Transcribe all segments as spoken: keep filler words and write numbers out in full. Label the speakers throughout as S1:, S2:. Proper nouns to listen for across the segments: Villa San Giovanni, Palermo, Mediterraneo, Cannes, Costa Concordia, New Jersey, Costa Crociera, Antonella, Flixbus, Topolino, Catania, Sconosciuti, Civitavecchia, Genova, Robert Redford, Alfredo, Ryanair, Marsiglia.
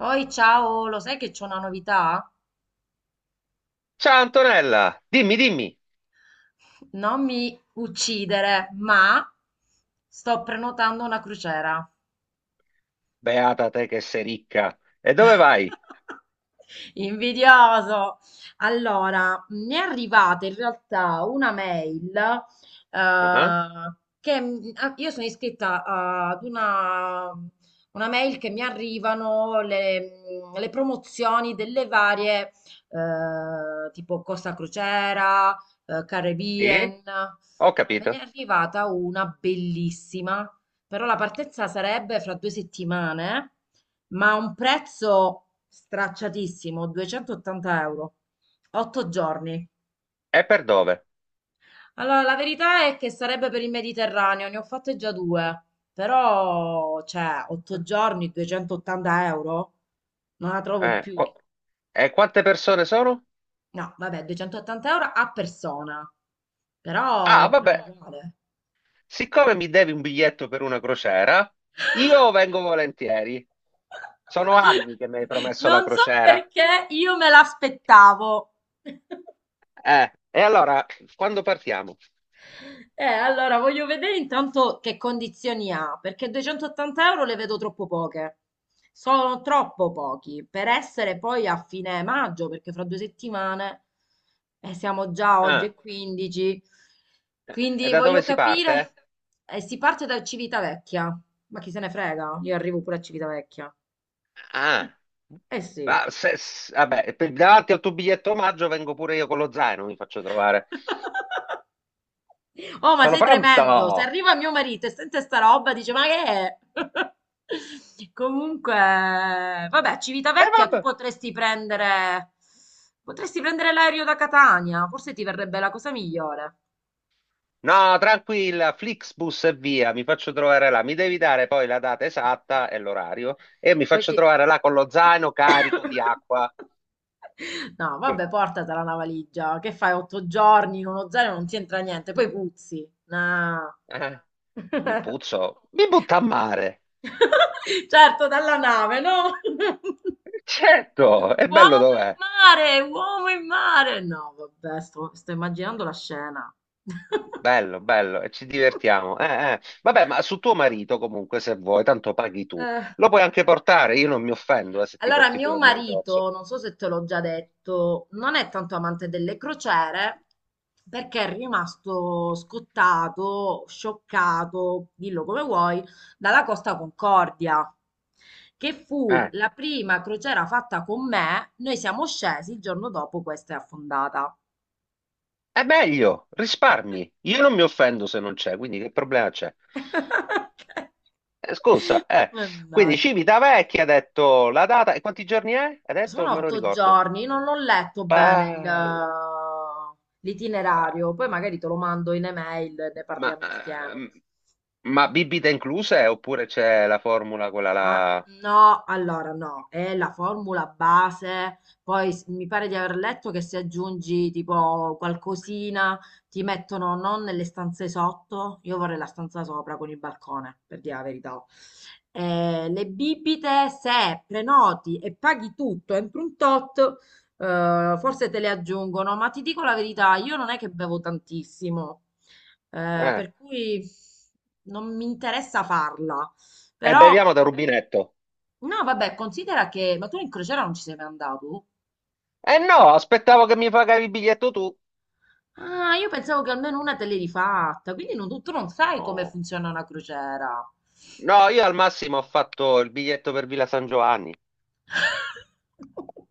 S1: Oi, ciao, lo sai che c'è una novità?
S2: Ciao Antonella, dimmi, dimmi.
S1: Non mi uccidere, ma sto prenotando una crociera.
S2: Beata te che sei ricca. E dove vai?
S1: Invidioso. Allora, mi è arrivata in realtà una mail
S2: Ah,
S1: eh, che m- ah, io sono iscritta ah, ad una, una mail che mi arrivano le, mm, le promozioni delle varie eh, tipo Costa Crociera, eh,
S2: sì?
S1: Caribbean.
S2: Ho
S1: Me ne è
S2: capito.
S1: arrivata una bellissima, però la partenza sarebbe fra due settimane. Ma a un prezzo stracciatissimo, duecentottanta euro, otto giorni.
S2: E per dove?
S1: Allora, la verità è che sarebbe per il Mediterraneo, ne ho fatte già due, però, cioè, otto giorni, duecentottanta euro, non la trovo
S2: Eh,
S1: più.
S2: qua- E quante persone sono?
S1: No, vabbè, duecentottanta euro a persona, però è
S2: Ah,
S1: buona
S2: vabbè,
S1: uguale.
S2: siccome mi devi un biglietto per una crociera, io vengo volentieri. Sono anni che mi hai promesso la
S1: Non so
S2: crociera.
S1: perché io me l'aspettavo.
S2: Eh, e allora, quando partiamo?
S1: Eh, allora voglio vedere intanto che condizioni ha, perché duecentottanta euro le vedo troppo poche. Sono troppo pochi per essere poi a fine maggio, perché fra due settimane eh, siamo già oggi
S2: Ah,
S1: è quindici.
S2: e
S1: Quindi
S2: da
S1: voglio
S2: dove si
S1: capire.
S2: parte?
S1: Eh, si parte da Civitavecchia, ma chi se ne frega? Io arrivo pure a Civitavecchia.
S2: Ah,
S1: Eh sì.
S2: ma se- s- vabbè, per- davanti al tuo biglietto omaggio vengo pure io con lo zaino, mi faccio trovare.
S1: Oh, ma
S2: Sono
S1: sei tremendo! Se
S2: pronto!
S1: arriva mio marito e sente sta roba, dice: Ma che è? Comunque, vabbè,
S2: E
S1: Civitavecchia, tu
S2: vabbè.
S1: potresti prendere. Potresti prendere l'aereo da Catania, forse ti verrebbe la cosa migliore.
S2: No, tranquilla, Flixbus e via, mi faccio trovare là. Mi devi dare poi la data esatta e l'orario e mi
S1: Poi
S2: faccio
S1: ti.
S2: trovare là con lo zaino carico di acqua.
S1: No, vabbè, portatela una valigia. Che fai? Otto giorni in uno zaino non ti entra niente, poi puzzi. No.
S2: Eh, Mi puzzo, mi butta a mare.
S1: Certo, dalla nave, no?
S2: Certo, è bello
S1: Uomo in
S2: dov'è?
S1: mare, uomo in mare. No, vabbè, sto, sto immaginando la scena.
S2: Bello, bello, e ci divertiamo. Eh, eh. Vabbè, ma su tuo marito comunque, se vuoi, tanto paghi tu.
S1: Eh,
S2: Lo puoi anche portare, io non mi offendo eh, se ti
S1: allora,
S2: porti
S1: mio
S2: pure il maritozzo.
S1: marito, non so se te l'ho già
S2: Eh,
S1: detto, non è tanto amante delle crociere perché è rimasto scottato, scioccato, dillo come vuoi, dalla Costa Concordia, che fu
S2: Eh,
S1: la prima crociera fatta con me. Noi siamo scesi, il giorno dopo questa è affondata.
S2: è meglio, risparmi. Io non mi offendo se non c'è, quindi che problema c'è? Eh, scusa, eh. Quindi
S1: Mannaggia.
S2: Civitavecchia ha detto la data e quanti giorni è? Ha detto,
S1: Sono
S2: non me lo
S1: otto
S2: ricordo.
S1: giorni, non ho letto bene il,
S2: Bello,
S1: eh,
S2: bello.
S1: l'itinerario, poi magari te lo mando in email e ne
S2: Ma,
S1: parliamo insieme.
S2: ehm, ma bibita inclusa eh, oppure c'è la formula quella
S1: Ah,
S2: là?
S1: no, allora no, è la formula base, poi s- mi pare di aver letto che se aggiungi tipo qualcosina ti mettono non nelle stanze sotto, io vorrei la stanza sopra con il balcone, per dire la verità. Eh, le bibite, se prenoti e paghi tutto entro un tot, eh, forse te le aggiungono, ma ti dico la verità, io non è che bevo tantissimo, eh,
S2: Eh.
S1: per cui non mi interessa farla.
S2: E
S1: Però
S2: beviamo da rubinetto.
S1: no, vabbè, considera che... Ma tu in crociera non ci sei mai andato?
S2: Eh no, aspettavo che mi pagavi il biglietto tu.
S1: Ah, io pensavo che almeno una te l'eri fatta, quindi non- tu non sai come
S2: Oh,
S1: funziona una crociera.
S2: no, io al massimo ho fatto il biglietto per Villa San Giovanni.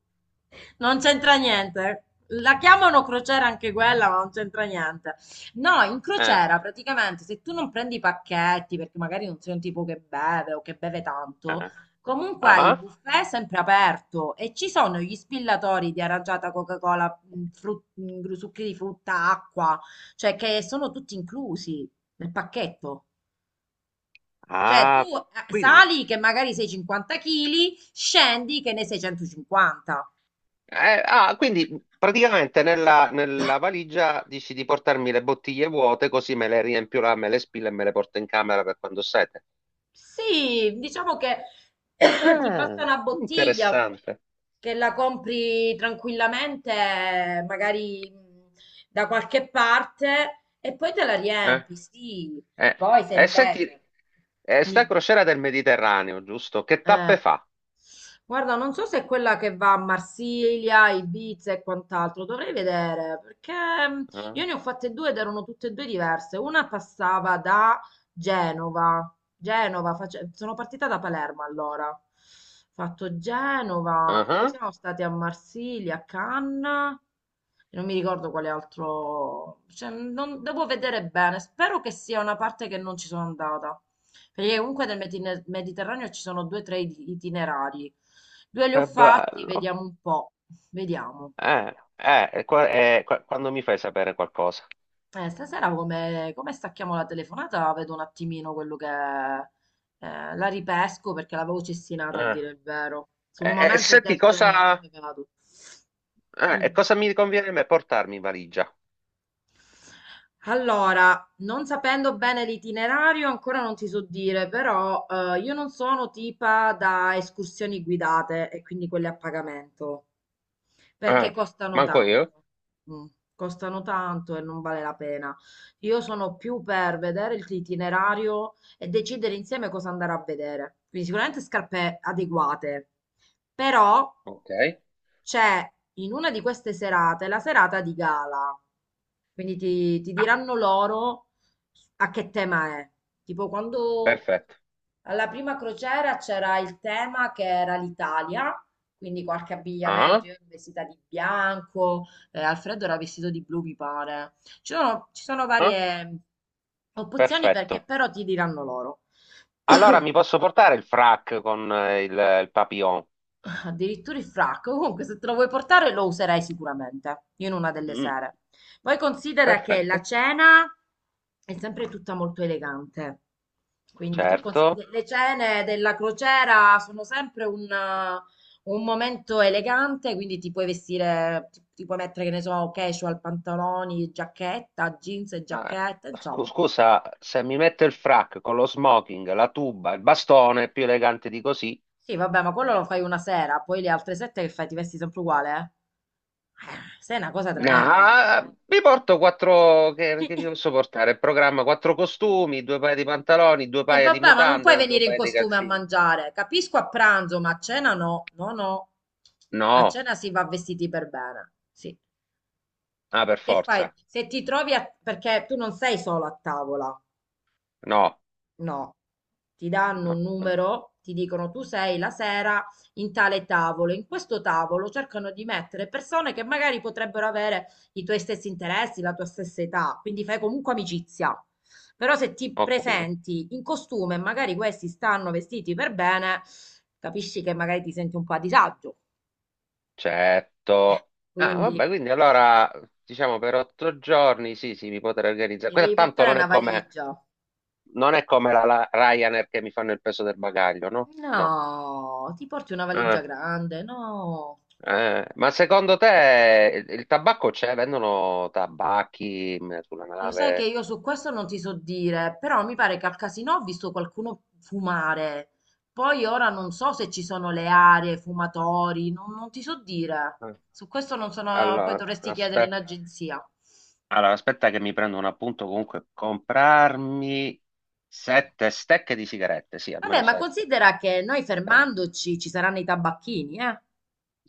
S1: Non c'entra niente. La chiamano crociera anche quella, ma non c'entra niente. No, in
S2: Eh,
S1: crociera praticamente se tu non prendi i pacchetti, perché magari non sei un tipo che beve o che beve tanto,
S2: eh.
S1: comunque il
S2: Ah,
S1: buffet è sempre aperto e ci sono gli spillatori di aranciata, Coca-Cola, mh, frut- mh, gru- succhi di frutta, acqua, cioè che sono tutti inclusi nel pacchetto. Cioè tu
S2: Ah,
S1: eh,
S2: quindi,
S1: sali che magari sei cinquanta chili, scendi che ne sei centocinquanta.
S2: eh, ah, quindi praticamente nella, nella valigia dici di portarmi le bottiglie vuote così me le riempio là, me le spillo e me le porto in camera per quando ho sete.
S1: Sì, diciamo che ti basta
S2: Ah,
S1: una bottiglia
S2: interessante.
S1: che la compri tranquillamente, magari mh, da qualche parte, e poi te la
S2: Eh.
S1: riempi, sì.
S2: Eh,
S1: Poi se
S2: e
S1: invece...
S2: senti, eh, sta
S1: Dimmi.
S2: crociera del Mediterraneo, giusto? Che
S1: Eh,
S2: tappe fa?
S1: guarda, non so se è quella che va a Marsiglia, Ibiza e quant'altro, dovrei vedere, perché mm,
S2: Eh?
S1: io ne ho fatte due ed erano tutte e due diverse. Una passava da Genova, Genova, face- sono partita da Palermo allora, ho fatto Genova, poi
S2: Ah.
S1: siamo stati a Marsiglia, a Cannes, e non mi ricordo quale altro, cioè, non- devo vedere bene, spero che sia una parte che non ci sono andata. Perché comunque nel Medine- Mediterraneo ci sono due o tre it- itinerari. Due li ho
S2: Che
S1: fatti,
S2: bello.
S1: vediamo un po'. Vediamo.
S2: Eh, eh, qua- eh, qua- quando mi fai sapere qualcosa?
S1: Eh, stasera come, come stacchiamo la telefonata, vedo un attimino quello che... eh, La ripesco perché l'avevo cestinata a
S2: Eh,
S1: dire il vero. Sul
S2: eh, eh,
S1: momento ho
S2: senti,
S1: detto no,
S2: cosa,
S1: come vado?
S2: eh, e
S1: Dimmi.
S2: cosa mi conviene a me portarmi in valigia?
S1: Allora, non sapendo bene l'itinerario, ancora non ti so dire, però eh, io non sono tipa da escursioni guidate e quindi quelle a pagamento, perché
S2: Eh,
S1: costano
S2: manco io?
S1: tanto. Mm, Costano tanto e non vale la pena. Io sono più per vedere il- l'itinerario e decidere insieme cosa andare a vedere. Quindi sicuramente scarpe adeguate, però
S2: Ok,
S1: c'è in una di queste serate la serata di gala. Quindi ti, ti diranno loro a che tema è. Tipo quando
S2: perfetto.
S1: alla prima crociera c'era il tema che era l'Italia, quindi qualche
S2: Ah,
S1: abbigliamento, io ero vestita di bianco, eh, Alfredo era vestito di blu, mi pare. Ci sono, ci sono
S2: ah,
S1: varie opzioni perché
S2: perfetto.
S1: però ti diranno loro.
S2: Allora mi posso portare il frac con eh, il, il papillon?
S1: Addirittura il frac, comunque se te lo vuoi portare lo userai sicuramente, io in una delle
S2: Mm,
S1: sere. Poi considera che la
S2: perfetto,
S1: cena è sempre tutta molto elegante. Quindi tu consi-
S2: certo.
S1: le le cene della crociera sono sempre un, eh, un momento elegante, quindi ti puoi vestire, ti, ti puoi mettere, che ne so, casual, pantaloni, giacchetta, jeans e
S2: Ah,
S1: giacchetta,
S2: scu-
S1: insomma.
S2: scusa, se mi metto il frac con lo smoking, la tuba, il bastone, è più elegante di così.
S1: Sì, vabbè, ma quello lo fai una sera, poi le altre sette che fai? Ti vesti sempre uguale, eh? Eh, Sei una cosa
S2: No,
S1: tremenda.
S2: ah, mi porto quattro, che, che mi posso portare? Il programma, quattro costumi, due paia di pantaloni, due
S1: E
S2: paia di
S1: vabbè, ma non puoi
S2: mutande, due
S1: venire in
S2: paia di
S1: costume a
S2: calzini.
S1: mangiare. Capisco a pranzo, ma a cena no. No, no. A
S2: No,
S1: cena si va vestiti per bene. Sì.
S2: ah, per
S1: Che fai?
S2: forza.
S1: Se ti trovi a... perché tu non sei solo a tavola,
S2: No,
S1: no. Ti danno
S2: no,
S1: un
S2: eh,
S1: numero, ti dicono tu sei la sera in tale tavolo. In questo tavolo cercano di mettere persone che magari potrebbero avere i tuoi stessi interessi, la tua stessa età, quindi fai comunque amicizia. Però se ti
S2: ho capito.
S1: presenti in costume e magari questi stanno vestiti per bene, capisci che magari ti senti un po' a disagio.
S2: Certo. Ah, vabbè,
S1: Quindi
S2: quindi allora, diciamo per otto giorni, sì, sì, mi potrei organizzare.
S1: ti
S2: Quella
S1: devi
S2: tanto
S1: portare
S2: non
S1: una
S2: è come,
S1: valigia.
S2: non è come la, la Ryanair che mi fanno il peso del bagaglio, no? No.
S1: No, ti porti una valigia
S2: Eh.
S1: grande, no.
S2: Eh, ma secondo te il il tabacco c'è? Vendono tabacchi mh, sulla
S1: Lo sai che
S2: nave?
S1: io su questo non ti so dire, però mi pare che al casino ho visto qualcuno fumare. Poi ora non so se ci sono le aree, fumatori, non, non ti so dire.
S2: Eh,
S1: Su questo non sono, poi
S2: Allora,
S1: dovresti chiedere in
S2: aspetta,
S1: agenzia.
S2: allora, aspetta che mi prendo un appunto comunque. Comprarmi sette stecche di sigarette, sì,
S1: Vabbè,
S2: almeno
S1: ma
S2: sette.
S1: considera che noi
S2: Eh.
S1: fermandoci ci saranno i tabacchini, eh?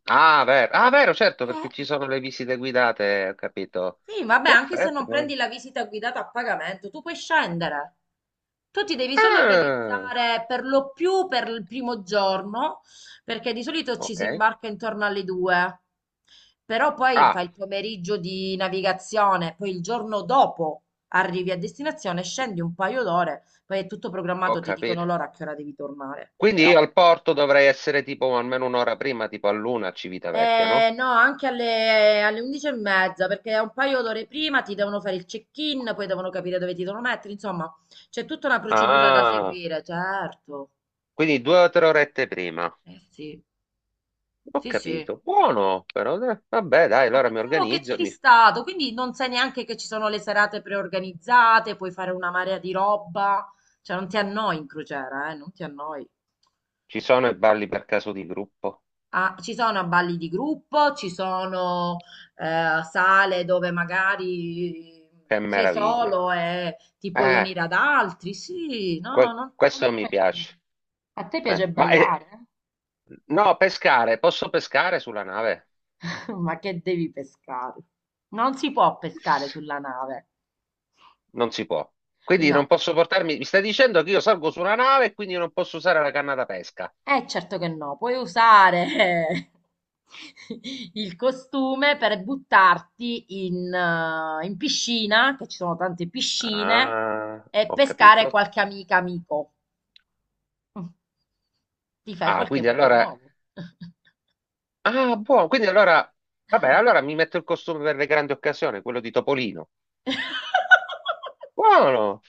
S2: Ah, vero. Ah, vero, certo, perché
S1: Eh.
S2: ci sono le visite guidate, ho capito.
S1: Sì, vabbè, anche se
S2: Perfetto,
S1: non
S2: guarda.
S1: prendi la visita guidata a pagamento, tu puoi scendere. Tu ti devi solo
S2: Ah,
S1: organizzare per lo più per il primo giorno, perché di solito ci si
S2: ok.
S1: imbarca intorno alle due. Però poi
S2: Ah,
S1: fai il pomeriggio di navigazione, poi il giorno dopo arrivi a destinazione, scendi un paio d'ore, poi è tutto
S2: ho
S1: programmato, ti dicono
S2: capito.
S1: l'ora a che ora devi tornare.
S2: Quindi
S1: Però
S2: io al porto dovrei essere tipo almeno un'ora prima, tipo all'una a Civitavecchia,
S1: Eh,
S2: no?
S1: no, anche alle, alle undici e mezza, perché un paio d'ore prima ti devono fare il check-in, poi devono capire dove ti devono mettere, insomma, c'è tutta una procedura da
S2: Ah,
S1: seguire, certo.
S2: quindi due o tre orette prima.
S1: Eh sì,
S2: Ho
S1: sì, sì.
S2: capito. Buono, però. eh, Vabbè, dai,
S1: Ah,
S2: allora mi
S1: pensavo che
S2: organizzo.
S1: c'eri
S2: mi-
S1: stato, quindi non sai neanche che ci sono le serate preorganizzate, puoi fare una marea di roba, cioè non ti annoi in crociera, eh, non ti annoi.
S2: Ci sono i balli per caso di gruppo.
S1: Ah, ci sono balli di gruppo, ci sono eh, sale dove magari
S2: Che
S1: sei
S2: meraviglia.
S1: solo e ti puoi
S2: Eh,
S1: unire ad altri. Sì, no,
S2: que-
S1: non, non
S2: questo
S1: ti
S2: mi
S1: puoi unire.
S2: piace.
S1: A te piace
S2: Eh, ma eh,
S1: ballare?
S2: no, pescare. Posso pescare sulla nave?
S1: Ma che devi pescare? Non si può pescare sulla nave.
S2: Non si può. Quindi non
S1: No.
S2: posso portarmi. Mi stai dicendo che io salgo su una nave e quindi non posso usare la canna da pesca?
S1: Eh, certo che no, puoi usare il costume per buttarti in, eh, in piscina, che ci sono tante piscine,
S2: Ah,
S1: e
S2: ho
S1: pescare
S2: capito.
S1: qualche amica amico. Mm. Ti fai
S2: Ah,
S1: qualche
S2: quindi
S1: amico
S2: allora.
S1: nuovo.
S2: Ah, buono. Quindi allora, vabbè, allora mi metto il costume per le grandi occasioni, quello di Topolino. Buono,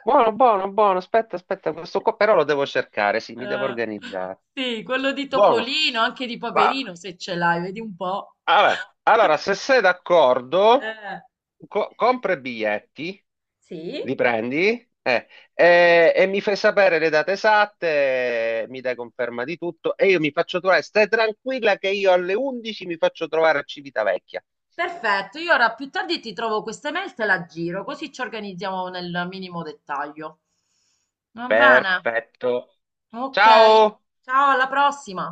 S2: buono, buono, buono. Aspetta, aspetta, questo qua però lo devo cercare, sì, mi devo
S1: Eh,
S2: organizzare.
S1: sì, quello di
S2: Buono.
S1: Topolino, anche di
S2: Va.
S1: Paperino, se ce l'hai, vedi un po'.
S2: Allora, allora, se sei d'accordo,
S1: Eh,
S2: co- compra i biglietti,
S1: sì.
S2: li prendi, eh, e, e mi fai sapere le date esatte, mi dai conferma di tutto e io mi faccio trovare. Stai tranquilla che io alle undici mi faccio trovare a Civitavecchia.
S1: Perfetto, io ora più tardi ti trovo queste mail, te la giro, così ci organizziamo nel minimo dettaglio. Va bene?
S2: Perfetto.
S1: Ok.
S2: Ciao!
S1: Ciao, alla prossima.